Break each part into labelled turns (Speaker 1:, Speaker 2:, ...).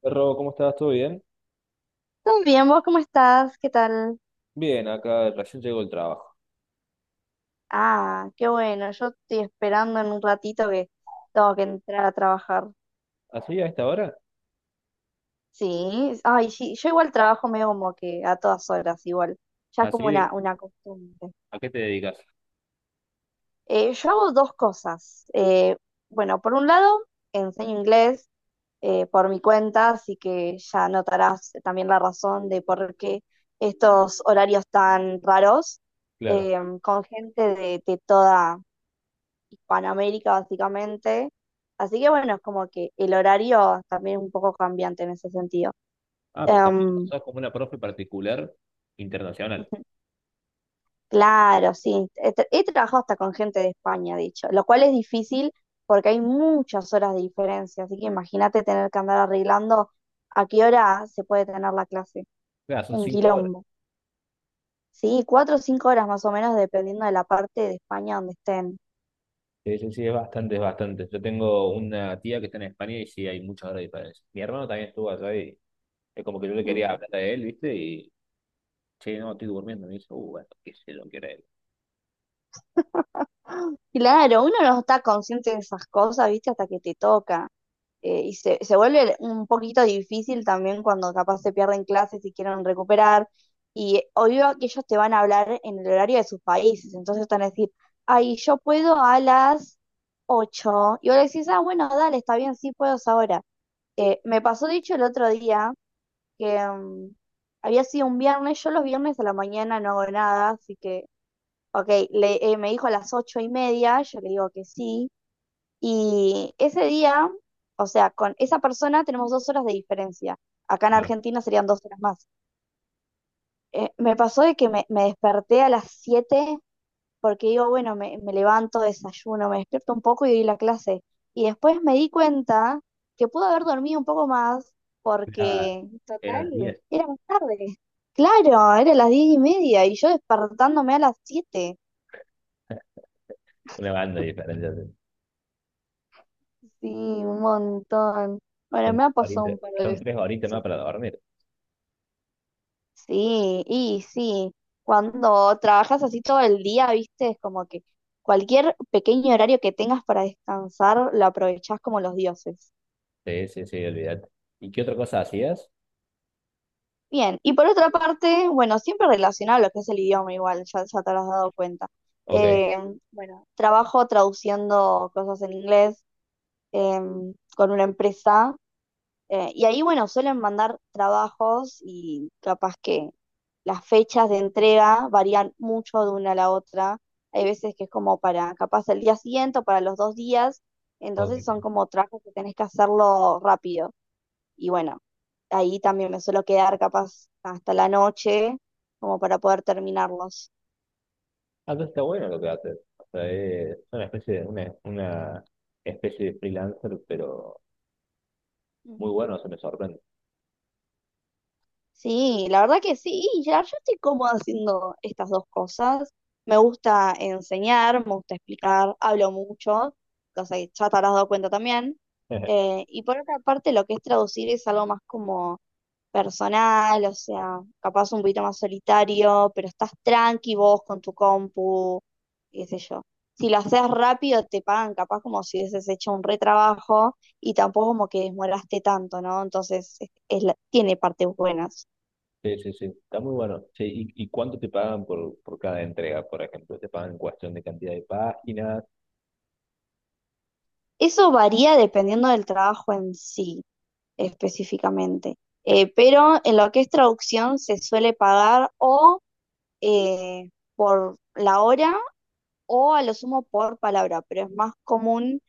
Speaker 1: Perro, ¿cómo estás? ¿Todo bien?
Speaker 2: ¿Todo bien? ¿Vos cómo estás? ¿Qué tal?
Speaker 1: Bien, acá recién llegó el trabajo.
Speaker 2: Ah, qué bueno. Yo estoy esperando en un ratito que tengo que entrar a trabajar.
Speaker 1: ¿Así a esta hora?
Speaker 2: Sí, ay, sí. Yo igual trabajo medio como que a todas horas, igual. Ya es como
Speaker 1: ¿Así de-
Speaker 2: una costumbre.
Speaker 1: a qué te dedicas?
Speaker 2: Yo hago dos cosas. Bueno, por un lado, enseño inglés, por mi cuenta, así que ya notarás también la razón de por qué estos horarios tan raros,
Speaker 1: Claro.
Speaker 2: eh, con gente de toda Hispanoamérica, básicamente. Así que bueno, es como que el horario también es un poco cambiante en ese sentido.
Speaker 1: Ah, pero también
Speaker 2: Em,
Speaker 1: sos como una profe particular internacional.
Speaker 2: claro, sí. He trabajado hasta con gente de España, de hecho, lo cual es difícil porque hay muchas horas de diferencia. Así que imagínate tener que andar arreglando a qué hora se puede tener la clase.
Speaker 1: Claro, son
Speaker 2: Un
Speaker 1: 5 horas.
Speaker 2: quilombo. Sí, 4 o 5 horas más o menos, dependiendo de la parte de España donde estén.
Speaker 1: Sí, sí, sí, es bastante, es bastante. Yo tengo una tía que está en España y sí hay muchas horas de diferencia. Mi hermano también estuvo allá y es como que yo le quería hablar a él, ¿viste? Y, che, no, estoy durmiendo. Me dice, bueno, qué sé lo que era él.
Speaker 2: Claro, uno no está consciente de esas cosas, ¿viste? Hasta que te toca. Y se vuelve un poquito difícil también cuando capaz se pierden clases y quieren recuperar. Y obvio que ellos te van a hablar en el horario de sus países. Entonces están a decir, ay, yo puedo a las 8. Y vos le decís, ah, bueno, dale, está bien, sí puedo es ahora. Me pasó dicho el otro día que había sido un viernes. Yo los viernes a la mañana no hago nada, así que Ok, le, me dijo a las 8:30, yo le digo que sí. Y ese día, o sea, con esa persona tenemos 2 horas de diferencia. Acá en
Speaker 1: Claro,
Speaker 2: Argentina serían 2 horas más. Me pasó de que me desperté a las 7 porque digo, bueno, me levanto, desayuno, me despierto un poco y doy la clase. Y después me di cuenta que pude haber dormido un poco más
Speaker 1: era,
Speaker 2: porque,
Speaker 1: eran las
Speaker 2: total,
Speaker 1: 10.
Speaker 2: era más tarde. Claro, era las 10:30 y yo despertándome a las 7.
Speaker 1: Una banda de diferencia, sí.
Speaker 2: Sí, un montón. Bueno,
Speaker 1: Son,
Speaker 2: me ha pasado
Speaker 1: horita-
Speaker 2: un par de
Speaker 1: son
Speaker 2: veces
Speaker 1: 3 horitas más para
Speaker 2: así.
Speaker 1: dormir.
Speaker 2: Sí, y sí. Cuando trabajas así todo el día, viste, es como que cualquier pequeño horario que tengas para descansar lo aprovechás como los dioses.
Speaker 1: Sí, sí, sí, olvídate. ¿Y qué otra cosa hacías?
Speaker 2: Bien, y por otra parte, bueno, siempre relacionado a lo que es el idioma igual, ya, ya te habrás dado cuenta.
Speaker 1: Ok,
Speaker 2: Eh, bueno, trabajo traduciendo cosas en inglés, con una empresa. Y ahí, bueno, suelen mandar trabajos y capaz que las fechas de entrega varían mucho de una a la otra. Hay veces que es como para capaz el día siguiente o para los 2 días. Entonces son
Speaker 1: ok.
Speaker 2: como trabajos que tenés que hacerlo rápido. Y bueno, ahí también me suelo quedar capaz hasta la noche como para poder terminarlos.
Speaker 1: Ah, entonces está bueno lo que haces. O sea, es una especie de freelancer, pero muy bueno, se me sorprende.
Speaker 2: Sí, la verdad que sí, y ya yo estoy cómoda haciendo estas dos cosas. Me gusta enseñar, me gusta explicar, hablo mucho, cosa que ya te habrás dado cuenta también. Y por otra parte, lo que es traducir es algo más como personal, o sea, capaz un poquito más solitario, pero estás tranqui vos con tu compu, qué sé yo. Si lo haces rápido, te pagan capaz como si hubieses hecho un retrabajo y tampoco como que demoraste tanto, ¿no? Entonces, tiene partes buenas.
Speaker 1: Sí, sí, sí, está muy bueno. Sí, ¿y cuánto te pagan por cada entrega, por ejemplo? ¿Te pagan en cuestión de cantidad de páginas?
Speaker 2: Eso varía dependiendo del trabajo en sí, específicamente. Pero en lo que es traducción se suele pagar o, eh, por la hora o a lo sumo por palabra, pero es más común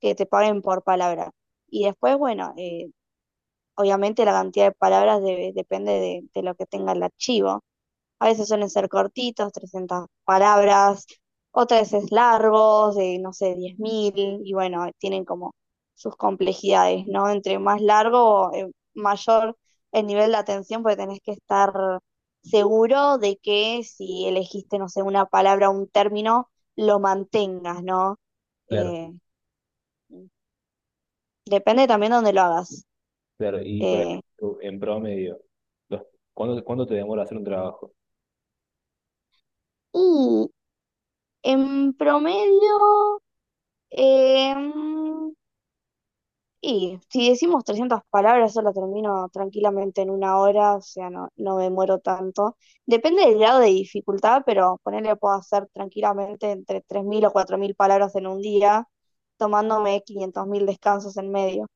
Speaker 2: que te paguen por palabra. Y después, bueno, obviamente la cantidad de palabras depende de lo que tenga el archivo. A veces suelen ser cortitos, 300 palabras, otras veces largos, de no sé, 10.000, y bueno, tienen como sus complejidades, ¿no? Entre más largo, mayor el nivel de atención, porque tenés que estar seguro de que si elegiste, no sé, una palabra o un término, lo mantengas, ¿no?
Speaker 1: Claro,
Speaker 2: Eh, Depende también de dónde lo hagas.
Speaker 1: claro. Y, por
Speaker 2: Eh,
Speaker 1: ejemplo, en promedio, los- ¿cuánto te demora hacer un trabajo?
Speaker 2: y en promedio, eh, Y si decimos 300 palabras, eso lo termino tranquilamente en una hora, o sea, no, no me muero tanto. Depende del grado de dificultad, pero ponerle puedo hacer tranquilamente entre 3.000 o 4.000 palabras en un día, tomándome 500.000 descansos en medio.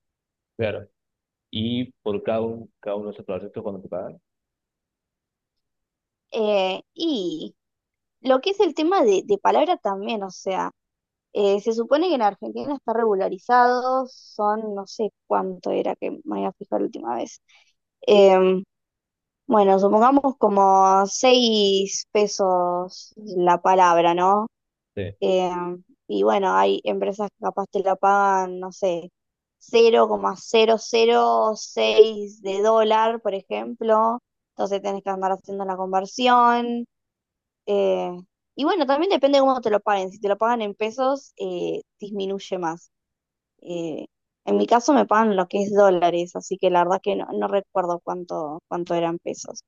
Speaker 1: Claro. ¿Y por cada uno de esos proyectos cuánto te pagan?
Speaker 2: Y lo que es el tema de palabra también, o sea, se supone que en Argentina está regularizado, son no sé cuánto era que me había fijado la última vez. Eh, Bueno, supongamos como 6 pesos la palabra, ¿no?
Speaker 1: Sí,
Speaker 2: Eh, y bueno, hay empresas que capaz te la pagan, no sé, cero coma cero cero coma seis de dólar, por ejemplo. Entonces tenés que andar haciendo la conversión. eh, y bueno, también depende de cómo te lo paguen. Si te lo pagan en pesos, disminuye más. Eh, en mi caso me pagan lo que es dólares, así que la verdad que no, no recuerdo cuánto eran pesos.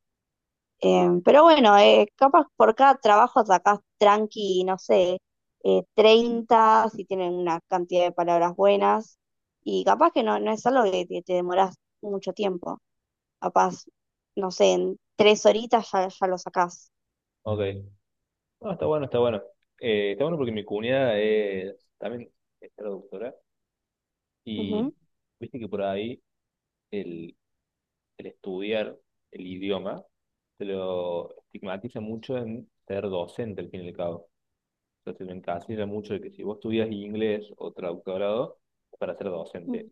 Speaker 2: Pero bueno, capaz por cada trabajo sacás tranqui, no sé, 30, si tienen una cantidad de palabras buenas, y capaz que no, no es algo que te demorás mucho tiempo, capaz, no sé, en tres horitas ya, ya lo sacás.
Speaker 1: ok. No, está bueno, está bueno. Está bueno porque mi cuñada también es traductora y
Speaker 2: Ujú.
Speaker 1: viste que por ahí el, el estudiar el idioma se lo estigmatiza mucho en ser docente al fin y al cabo. Entonces me encasilla mucho de que si vos estudias inglés o traductorado es para ser docente.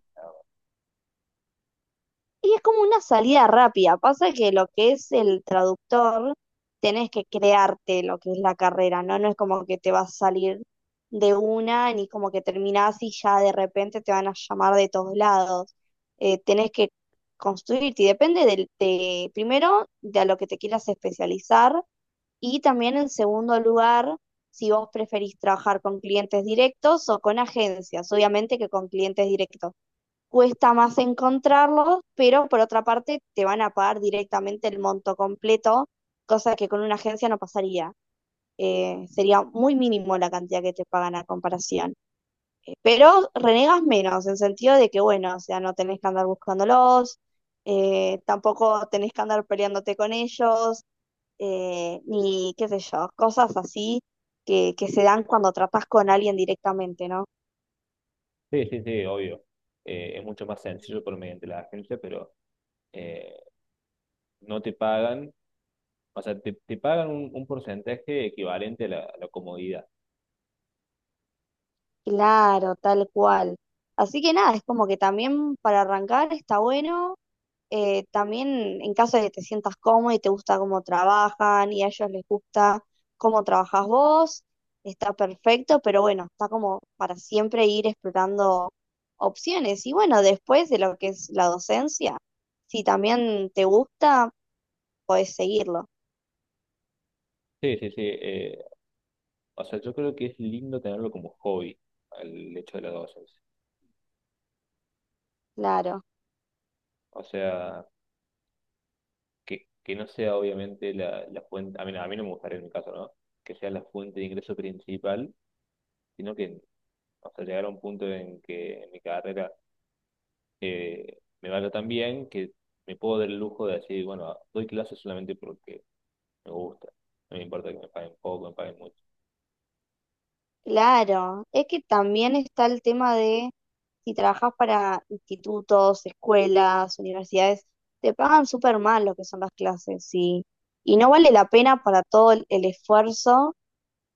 Speaker 2: Y es como una salida rápida. Pasa que lo que es el traductor, tenés que crearte lo que es la carrera, ¿no? No es como que te vas a salir de una, ni como que terminás y ya de repente te van a llamar de todos lados. Tenés que construirte, y depende del, de, primero, de a lo que te quieras especializar, y también en segundo lugar, si vos preferís trabajar con clientes directos o con agencias. Obviamente que con clientes directos cuesta más encontrarlos, pero por otra parte te van a pagar directamente el monto completo, cosa que con una agencia no pasaría. Sería muy mínimo la cantidad que te pagan a comparación. Pero renegas menos, en sentido de que, bueno, o sea, no tenés que andar buscándolos, tampoco tenés que andar peleándote con ellos, ni qué sé yo, cosas así que se dan cuando tratás con alguien directamente, ¿no?
Speaker 1: Sí, sí, sí, obvio. Es mucho más sencillo por mediante la agencia, pero eh, no te pagan, o sea, te pagan un porcentaje equivalente a la comodidad.
Speaker 2: Claro, tal cual. Así que nada, es como que también para arrancar está bueno. También en caso de que te sientas cómodo y te gusta cómo trabajan y a ellos les gusta cómo trabajas vos, está perfecto, pero bueno, está como para siempre ir explorando opciones. Y bueno, después de lo que es la docencia, si también te gusta, podés seguirlo.
Speaker 1: Sí, sí, sí. O sea, yo creo que es lindo tenerlo como hobby, el hecho de las docencia.
Speaker 2: Claro,
Speaker 1: O sea, que no sea obviamente la fuente, a mí no me gustaría en mi caso, ¿no? Que sea la fuente de ingreso principal, sino que, o sea, llegar a un punto en que en mi carrera me vaya tan bien que me puedo dar el lujo de decir, bueno, doy clases solamente porque me gusta. No me importa que me paguen poco, me paguen mucho.
Speaker 2: claro. Es que también está el tema de... si trabajas para institutos, escuelas, universidades, te pagan súper mal lo que son las clases, y no vale la pena para todo el esfuerzo,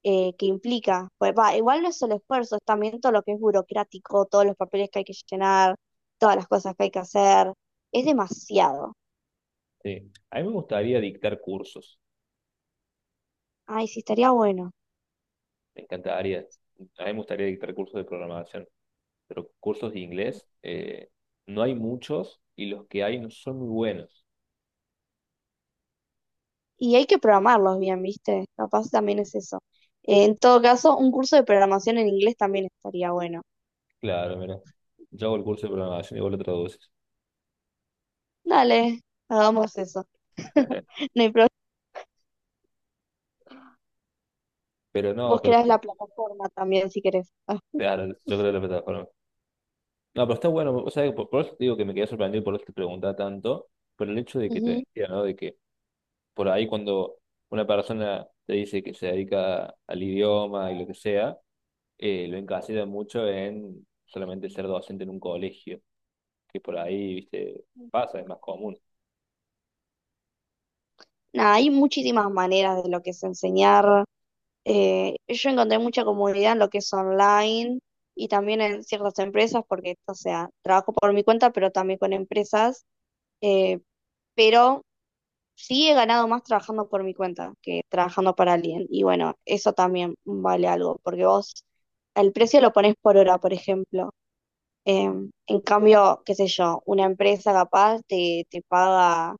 Speaker 2: que implica. Pues, va, igual no es solo esfuerzo, es también todo lo que es burocrático, todos los papeles que hay que llenar, todas las cosas que hay que hacer. Es demasiado.
Speaker 1: Sí. A mí me gustaría dictar cursos,
Speaker 2: Ay, sí, estaría bueno.
Speaker 1: me encantaría. A mí me gustaría dictar cursos de programación. Pero cursos de inglés no hay muchos y los que hay no son muy buenos.
Speaker 2: Y hay que programarlos bien, ¿viste? Capaz también es eso. En todo caso, un curso de programación en inglés también estaría bueno.
Speaker 1: Claro, mira, yo hago el curso de programación y vos lo traduces.
Speaker 2: Dale, hagamos eso. No hay problema.
Speaker 1: Pero no,
Speaker 2: Vos
Speaker 1: pero
Speaker 2: creás la plataforma también si querés. Ah.
Speaker 1: claro, yo creo que la plataforma. No, pero está bueno, o sea, por, eso te digo que me quedé sorprendido por eso te preguntaba tanto, por el hecho de que te
Speaker 2: Ujú.
Speaker 1: decía, ¿no? De que por ahí cuando una persona te dice que se dedica al idioma y lo que sea, lo encasilla mucho en solamente ser docente en un colegio, que por ahí, viste, pasa, es más común.
Speaker 2: Nada, hay muchísimas maneras de lo que es enseñar. Yo encontré mucha comodidad en lo que es online y también en ciertas empresas, porque, o sea, trabajo por mi cuenta, pero también con empresas. eh, pero sí he ganado más trabajando por mi cuenta que trabajando para alguien. Y bueno, eso también vale algo, porque vos el precio lo ponés por hora, por ejemplo. En cambio, qué sé yo, una empresa capaz te paga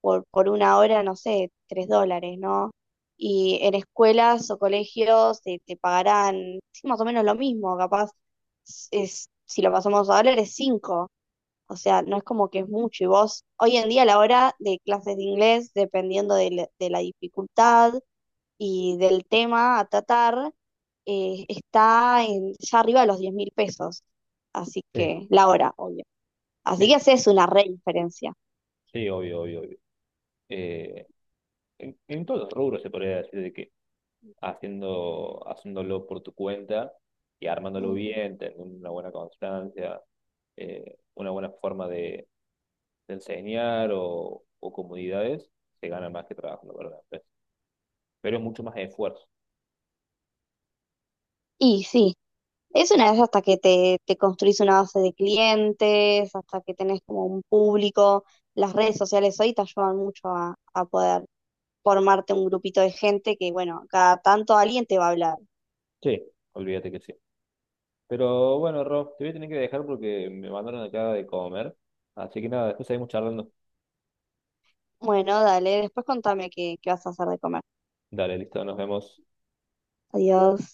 Speaker 2: por una hora, no sé, 3 dólares, ¿no? Y en escuelas o colegios te pagarán sí, más o menos lo mismo, capaz, es, si lo pasamos a dólares, cinco. O sea, no es como que es mucho. Y vos, hoy en día, a la hora de clases de inglés, dependiendo de la dificultad y del tema a tratar, está en, ya arriba de los 10.000 pesos. Así
Speaker 1: Sí,
Speaker 2: que, la hora, obvio. Así
Speaker 1: sí,
Speaker 2: que haces una re diferencia.
Speaker 1: sí, obvio, obvio, obvio. Eh, en todos los rubros se podría decir de que haciéndolo por tu cuenta y armándolo
Speaker 2: Mm.
Speaker 1: bien, teniendo una buena constancia, una buena forma de enseñar o comunidades, se gana más que trabajando para una empresa. Pero es mucho más esfuerzo.
Speaker 2: Y sí, es una vez hasta que te construís una base de clientes, hasta que tenés como un público. Las redes sociales hoy te ayudan mucho a poder formarte un grupito de gente que, bueno, cada tanto alguien te va a hablar.
Speaker 1: Sí, olvídate que sí. Pero bueno, Rob, te voy a tener que dejar porque me mandaron acá de comer. Así que nada, después seguimos charlando.
Speaker 2: Bueno, dale, después contame qué vas a hacer de comer.
Speaker 1: Dale, listo, nos vemos.
Speaker 2: Adiós.